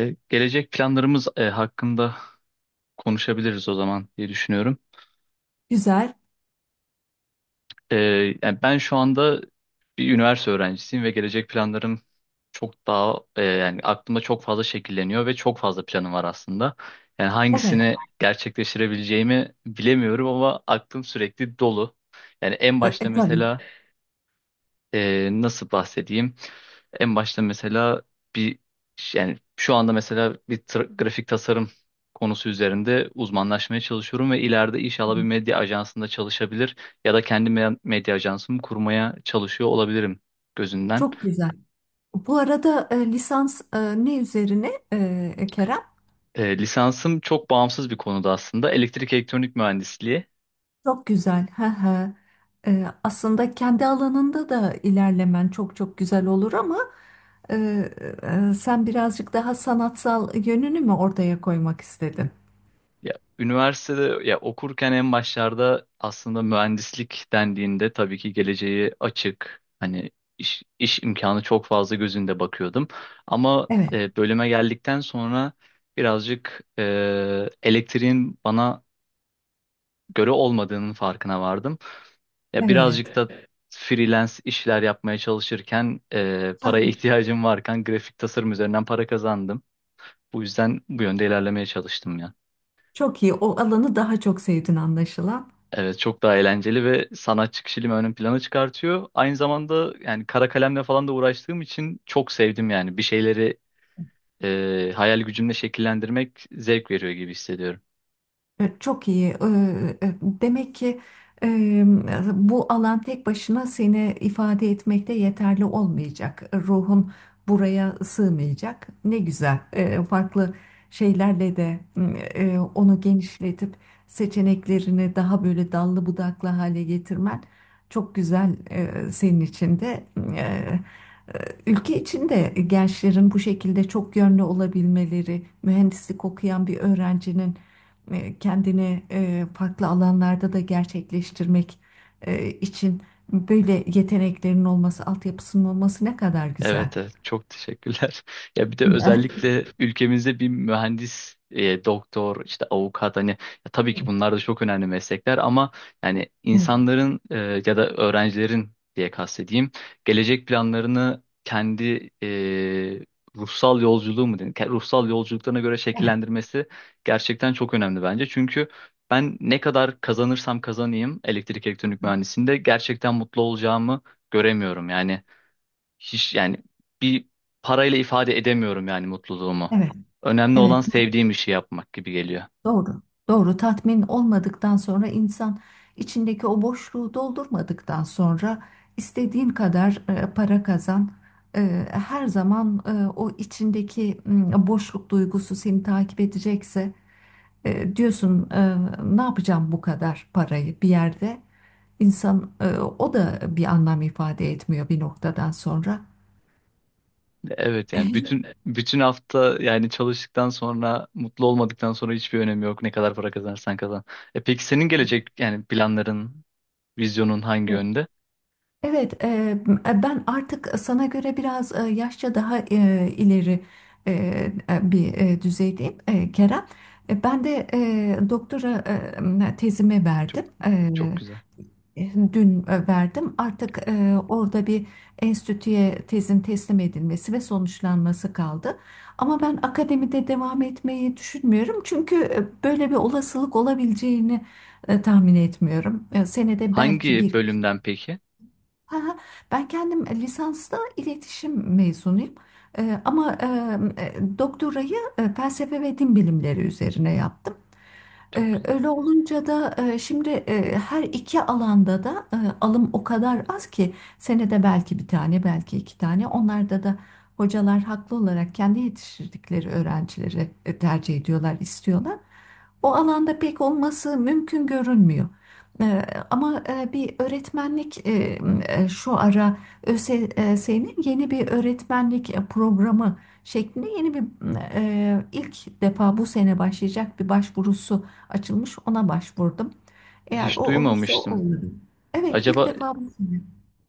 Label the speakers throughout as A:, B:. A: Gelecek planlarımız hakkında konuşabiliriz o zaman diye düşünüyorum.
B: Güzel.
A: E, Yani ben şu anda bir üniversite öğrencisiyim ve gelecek planlarım çok daha yani aklımda çok fazla şekilleniyor ve çok fazla planım var aslında. Yani
B: Evet.
A: hangisini gerçekleştirebileceğimi bilemiyorum ama aklım sürekli dolu. Yani en
B: E, e,
A: başta mesela
B: tabii.
A: nasıl bahsedeyim? En başta mesela bir yani şu anda mesela bir grafik tasarım konusu üzerinde uzmanlaşmaya çalışıyorum ve ileride inşallah bir
B: Tabii.
A: medya ajansında çalışabilir ya da kendi medya ajansımı kurmaya çalışıyor olabilirim gözünden.
B: Çok güzel. Bu arada lisans ne üzerine Kerem?
A: Lisansım çok bağımsız bir konuda, aslında elektrik elektronik mühendisliği.
B: Çok güzel. Hı hı. Aslında kendi alanında da ilerlemen çok çok güzel olur ama e, sen birazcık daha sanatsal yönünü mü ortaya koymak istedin?
A: Ya üniversitede ya okurken en başlarda aslında mühendislik dendiğinde tabii ki geleceği açık, hani iş imkanı çok fazla gözünde bakıyordum. Ama
B: Evet,
A: bölüme geldikten sonra birazcık elektriğin bana göre olmadığının farkına vardım. Ya
B: evet.
A: birazcık da freelance işler yapmaya çalışırken
B: Hah.
A: paraya ihtiyacım varken grafik tasarım üzerinden para kazandım. Bu yüzden bu yönde ilerlemeye çalıştım ya.
B: Çok iyi. O alanı daha çok sevdin anlaşılan.
A: Evet, çok daha eğlenceli ve sanatçı kişiliğimi ön plana çıkartıyor. Aynı zamanda yani kara kalemle falan da uğraştığım için çok sevdim yani. Bir şeyleri hayal gücümle şekillendirmek zevk veriyor gibi hissediyorum.
B: Çok iyi. Demek ki e, bu alan tek başına seni ifade etmekte yeterli olmayacak. Ruhun buraya sığmayacak. Ne güzel. Farklı şeylerle de onu genişletip seçeneklerini daha böyle dallı budaklı hale getirmen çok güzel senin için de. Ülke içinde gençlerin bu şekilde çok yönlü olabilmeleri, mühendislik okuyan bir öğrencinin kendini farklı alanlarda da gerçekleştirmek için böyle yeteneklerin olması, altyapısının olması ne kadar güzel.
A: Evet, evet, çok teşekkürler. Ya bir de özellikle ülkemizde bir mühendis, doktor, işte avukat, hani ya tabii ki bunlar da çok önemli meslekler ama yani
B: Evet.
A: insanların ya da öğrencilerin diye kastedeyim, gelecek planlarını kendi ruhsal yolculuğu mu denir? Ruhsal yolculuklarına göre
B: Evet,
A: şekillendirmesi gerçekten çok önemli bence. Çünkü ben ne kadar kazanırsam kazanayım, elektrik elektronik mühendisliğinde gerçekten mutlu olacağımı göremiyorum. Yani hiç, yani bir parayla ifade edemiyorum yani mutluluğumu.
B: evet,
A: Önemli olan
B: evet.
A: sevdiğim işi yapmak gibi geliyor.
B: Doğru. Doğru. Tatmin olmadıktan sonra insan içindeki o boşluğu doldurmadıktan sonra istediğin kadar para kazan. Her zaman o içindeki boşluk duygusu seni takip edecekse diyorsun ne yapacağım bu kadar parayı bir yerde insan o da bir anlam ifade etmiyor bir noktadan sonra.
A: Evet, yani bütün hafta yani çalıştıktan sonra mutlu olmadıktan sonra hiçbir önemi yok. Ne kadar para kazanırsan kazan. E peki senin gelecek yani planların, vizyonun hangi yönde?
B: Evet, ben artık sana göre biraz yaşça daha ileri e, bir düzeydeyim Kerem. Ben de doktora tezimi
A: Çok
B: verdim.
A: çok güzel.
B: Dün verdim. Artık orada bir enstitüye tezin teslim edilmesi ve sonuçlanması kaldı. Ama ben akademide devam etmeyi düşünmüyorum. Çünkü böyle bir olasılık olabileceğini tahmin etmiyorum. Senede belki
A: Hangi
B: bir.
A: bölümden peki?
B: Aha. Ben kendim lisansta iletişim mezunuyum. Ama doktorayı felsefe ve din bilimleri üzerine yaptım.
A: Çok güzel.
B: Öyle olunca da şimdi her iki alanda da alım o kadar az ki senede belki bir tane belki iki tane. Onlarda da hocalar haklı olarak kendi yetiştirdikleri öğrencileri tercih ediyorlar, istiyorlar. O alanda pek olması mümkün görünmüyor. Ee, Ama bir öğretmenlik şu ara ÖSS'nin yeni bir öğretmenlik programı şeklinde yeni bir ilk defa bu sene başlayacak bir başvurusu açılmış. Ona başvurdum. Eğer o
A: Hiç
B: olursa o
A: duymamıştım.
B: olur. Evet, ilk
A: Acaba
B: defa bu sene.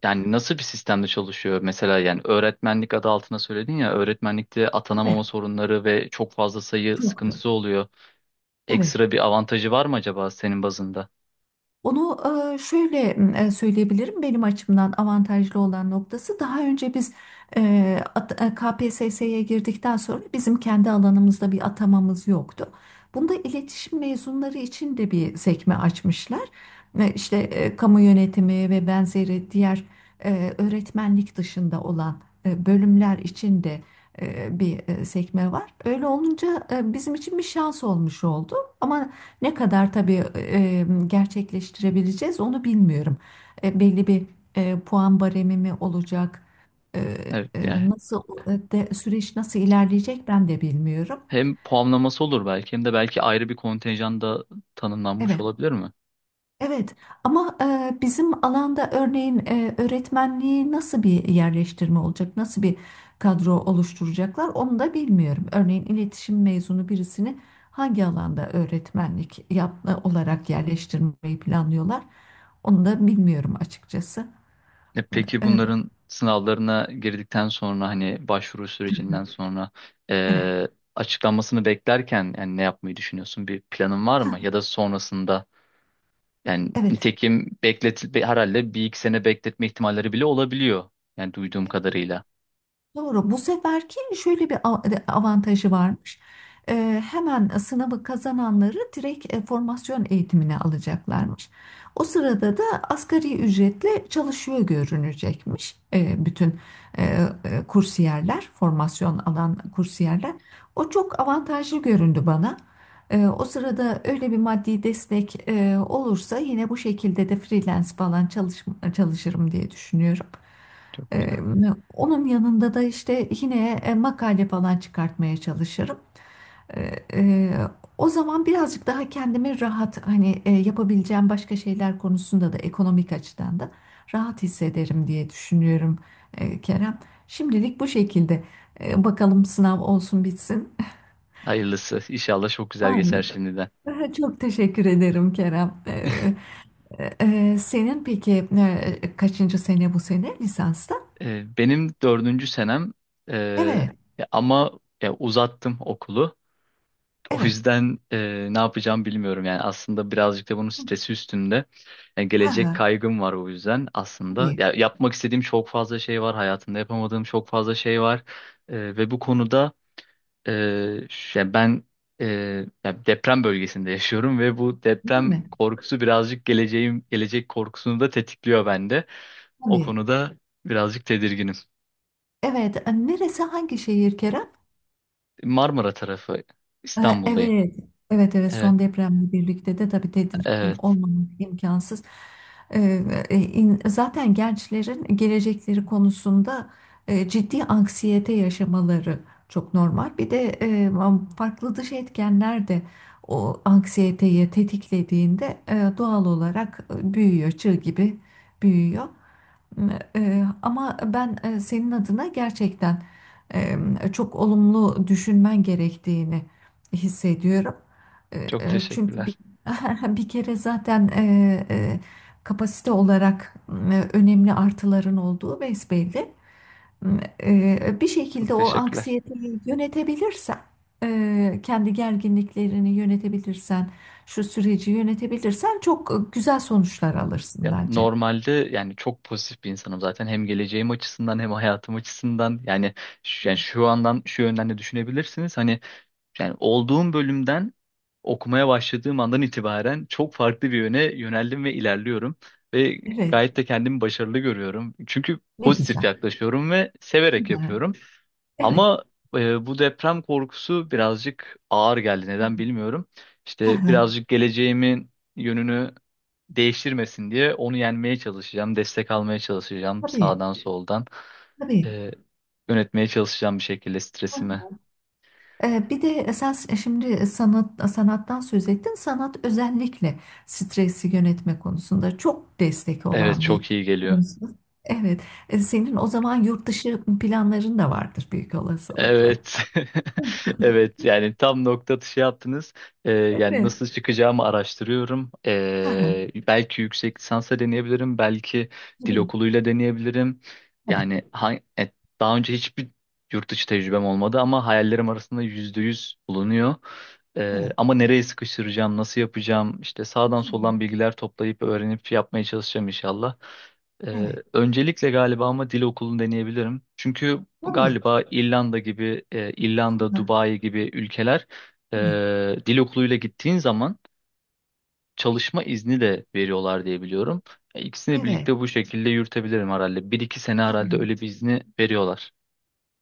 A: yani nasıl bir sistemde çalışıyor? Mesela yani öğretmenlik adı altına söyledin ya, öğretmenlikte
B: Evet,
A: atanamama sorunları ve çok fazla sayı
B: yoktu.
A: sıkıntısı oluyor.
B: Evet.
A: Ekstra bir avantajı var mı acaba senin bazında?
B: Onu şöyle söyleyebilirim. Benim açımdan avantajlı olan noktası daha önce biz KPSS'ye girdikten sonra bizim kendi alanımızda bir atamamız yoktu. Bunda iletişim mezunları için de bir sekme açmışlar. İşte kamu yönetimi ve benzeri diğer öğretmenlik dışında olan bölümler için de bir sekme var. Öyle olunca bizim için bir şans olmuş oldu. Ama ne kadar tabii gerçekleştirebileceğiz onu bilmiyorum. Belli bir puan baremi mi olacak? E,
A: Evet yani
B: Nasıl süreç nasıl ilerleyecek ben de bilmiyorum.
A: hem puanlaması olur belki hem de belki ayrı bir kontenjan da tanımlanmış
B: Evet.
A: olabilir mi?
B: Evet ama bizim alanda örneğin öğretmenliği nasıl bir yerleştirme olacak, nasıl bir kadro oluşturacaklar onu da bilmiyorum. Örneğin iletişim mezunu birisini hangi alanda öğretmenlik yap olarak yerleştirmeyi planlıyorlar onu da bilmiyorum açıkçası.
A: E peki
B: E,
A: bunların sınavlarına girdikten sonra hani başvuru sürecinden sonra
B: evet.
A: e, açıklanmasını beklerken yani ne yapmayı düşünüyorsun? Bir planın var
B: Ha,
A: mı? Ya da sonrasında yani
B: evet.
A: nitekim herhalde bir iki sene bekletme ihtimalleri bile olabiliyor. Yani duyduğum
B: Evet.
A: kadarıyla.
B: Doğru. Bu seferki şöyle bir av- avantajı varmış. Hemen sınavı kazananları direkt formasyon eğitimine alacaklarmış. O sırada da asgari ücretle çalışıyor görünecekmiş bütün e, e, kursiyerler, formasyon alan kursiyerler. O çok avantajlı göründü bana. O sırada öyle bir maddi destek olursa yine bu şekilde de freelance falan çalışırım diye düşünüyorum.
A: Çok
B: Ee, Onun yanında da işte yine makale falan çıkartmaya çalışırım. Ee, e, O zaman birazcık daha kendimi rahat hani yapabileceğim başka şeyler konusunda da ekonomik açıdan da rahat hissederim diye düşünüyorum Kerem. Şimdilik bu şekilde. Bakalım sınav olsun bitsin.
A: Hayırlısı. İnşallah çok güzel geçer
B: Amin.
A: şimdiden.
B: Çok teşekkür ederim Kerem. E, Senin peki kaçıncı sene bu sene lisansta?
A: Benim dördüncü senem, e,
B: Evet,
A: ya ama ya uzattım okulu. O
B: evet.
A: yüzden ne yapacağım bilmiyorum. Yani aslında birazcık da bunun stresi üstünde. Yani
B: Ha
A: gelecek
B: ha.
A: kaygım var o yüzden aslında.
B: Tabii.
A: Ya yapmak istediğim çok fazla şey var. Hayatımda yapamadığım çok fazla şey var. Ve bu konuda yani ben e, yani deprem bölgesinde yaşıyorum ve bu
B: Değil mi?
A: deprem korkusu birazcık gelecek korkusunu da tetikliyor bende. O
B: Tabii.
A: konuda birazcık tedirginim.
B: Evet. Neresi, hangi şehir Kerem?
A: Marmara tarafı, İstanbul'dayım.
B: Evet. Evet, evet,
A: Evet,
B: son depremle birlikte de tabii tedirgin
A: evet.
B: olmamak imkansız. E, Zaten gençlerin gelecekleri konusunda ciddi anksiyete yaşamaları çok normal. Bir de farklı dış etkenler de o anksiyeteyi tetiklediğinde doğal olarak büyüyor, çığ gibi büyüyor. Ama ben senin adına gerçekten eee, çok olumlu düşünmen gerektiğini hissediyorum.
A: Çok
B: Çünkü
A: teşekkürler.
B: bir kere zaten kapasite olarak önemli artıların olduğu besbelli. Bir şekilde
A: Çok
B: o
A: teşekkürler.
B: anksiyeteyi yönetebilirsen, kendi gerginliklerini yönetebilirsen, şu süreci yönetebilirsen çok güzel sonuçlar alırsın
A: Ya
B: bence.
A: normalde yani çok pozitif bir insanım zaten, hem geleceğim açısından hem hayatım açısından. Yani şu, yani şu andan şu yönden de düşünebilirsiniz. Hani yani olduğum bölümden okumaya başladığım andan itibaren çok farklı bir yöne yöneldim ve ilerliyorum. Ve
B: Evet,
A: gayet de kendimi başarılı görüyorum. Çünkü
B: ne
A: pozitif
B: güzel.
A: yaklaşıyorum ve severek yapıyorum.
B: Evet.
A: Ama bu deprem korkusu birazcık ağır geldi. Neden bilmiyorum. İşte
B: Aha,
A: birazcık geleceğimin yönünü değiştirmesin diye onu yenmeye çalışacağım. Destek almaya çalışacağım
B: tabii,
A: sağdan soldan.
B: tabii.
A: E, Yönetmeye çalışacağım bir şekilde stresimi.
B: Bir de sen şimdi sanat sanattan söz ettin. Sanat özellikle stresi yönetme konusunda çok destek
A: Evet,
B: olan bir
A: çok iyi geliyor.
B: konusu. Evet. Senin o zaman yurt dışı planların da vardır büyük olasılıkla.
A: Evet. Evet, yani tam nokta atışı yaptınız. Yani
B: Evet.
A: nasıl çıkacağımı araştırıyorum.
B: Aha,
A: Belki yüksek lisansa deneyebilirim. Belki dil
B: tabii,
A: okuluyla deneyebilirim.
B: tabii.
A: Yani e, daha önce hiçbir yurt dışı tecrübem olmadı ama hayallerim arasında %100 bulunuyor.
B: Evet.
A: Ama nereye sıkıştıracağım, nasıl yapacağım, işte sağdan
B: Hı.
A: soldan bilgiler toplayıp öğrenip yapmaya çalışacağım inşallah.
B: Evet.
A: Öncelikle galiba ama dil okulunu deneyebilirim. Çünkü
B: Tabii.
A: galiba İrlanda gibi, İrlanda,
B: Hı,
A: Dubai gibi ülkeler
B: hı.
A: dil okuluyla gittiğin zaman çalışma izni de veriyorlar diye biliyorum. İkisini
B: Evet.
A: birlikte bu şekilde yürütebilirim herhalde. Bir iki sene herhalde öyle bir izni veriyorlar.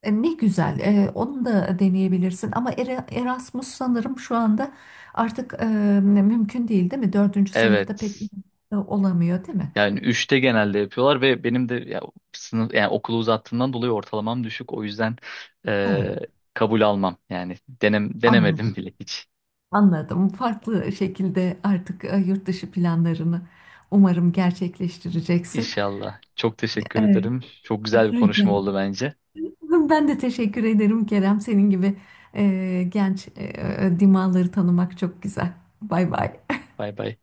B: Ne güzel, onu da deneyebilirsin ama Erasmus sanırım şu anda artık mümkün değil, değil mi? Dördüncü sınıfta pek
A: Evet.
B: olamıyor, değil mi?
A: Yani üçte genelde yapıyorlar ve benim de ya, sınıf yani okulu uzattığımdan dolayı ortalamam düşük. O yüzden e,
B: Evet.
A: kabul almam. Yani denemedim
B: Anladım,
A: bile hiç.
B: anladım. Farklı şekilde artık yurt dışı planlarını umarım gerçekleştireceksin.
A: İnşallah. Çok teşekkür
B: Evet,
A: ederim. Çok güzel bir
B: rica
A: konuşma
B: ederim.
A: oldu bence.
B: Ben de teşekkür ederim Kerem. Senin gibi genç dimağları tanımak çok güzel. Bay bay.
A: Bay bay.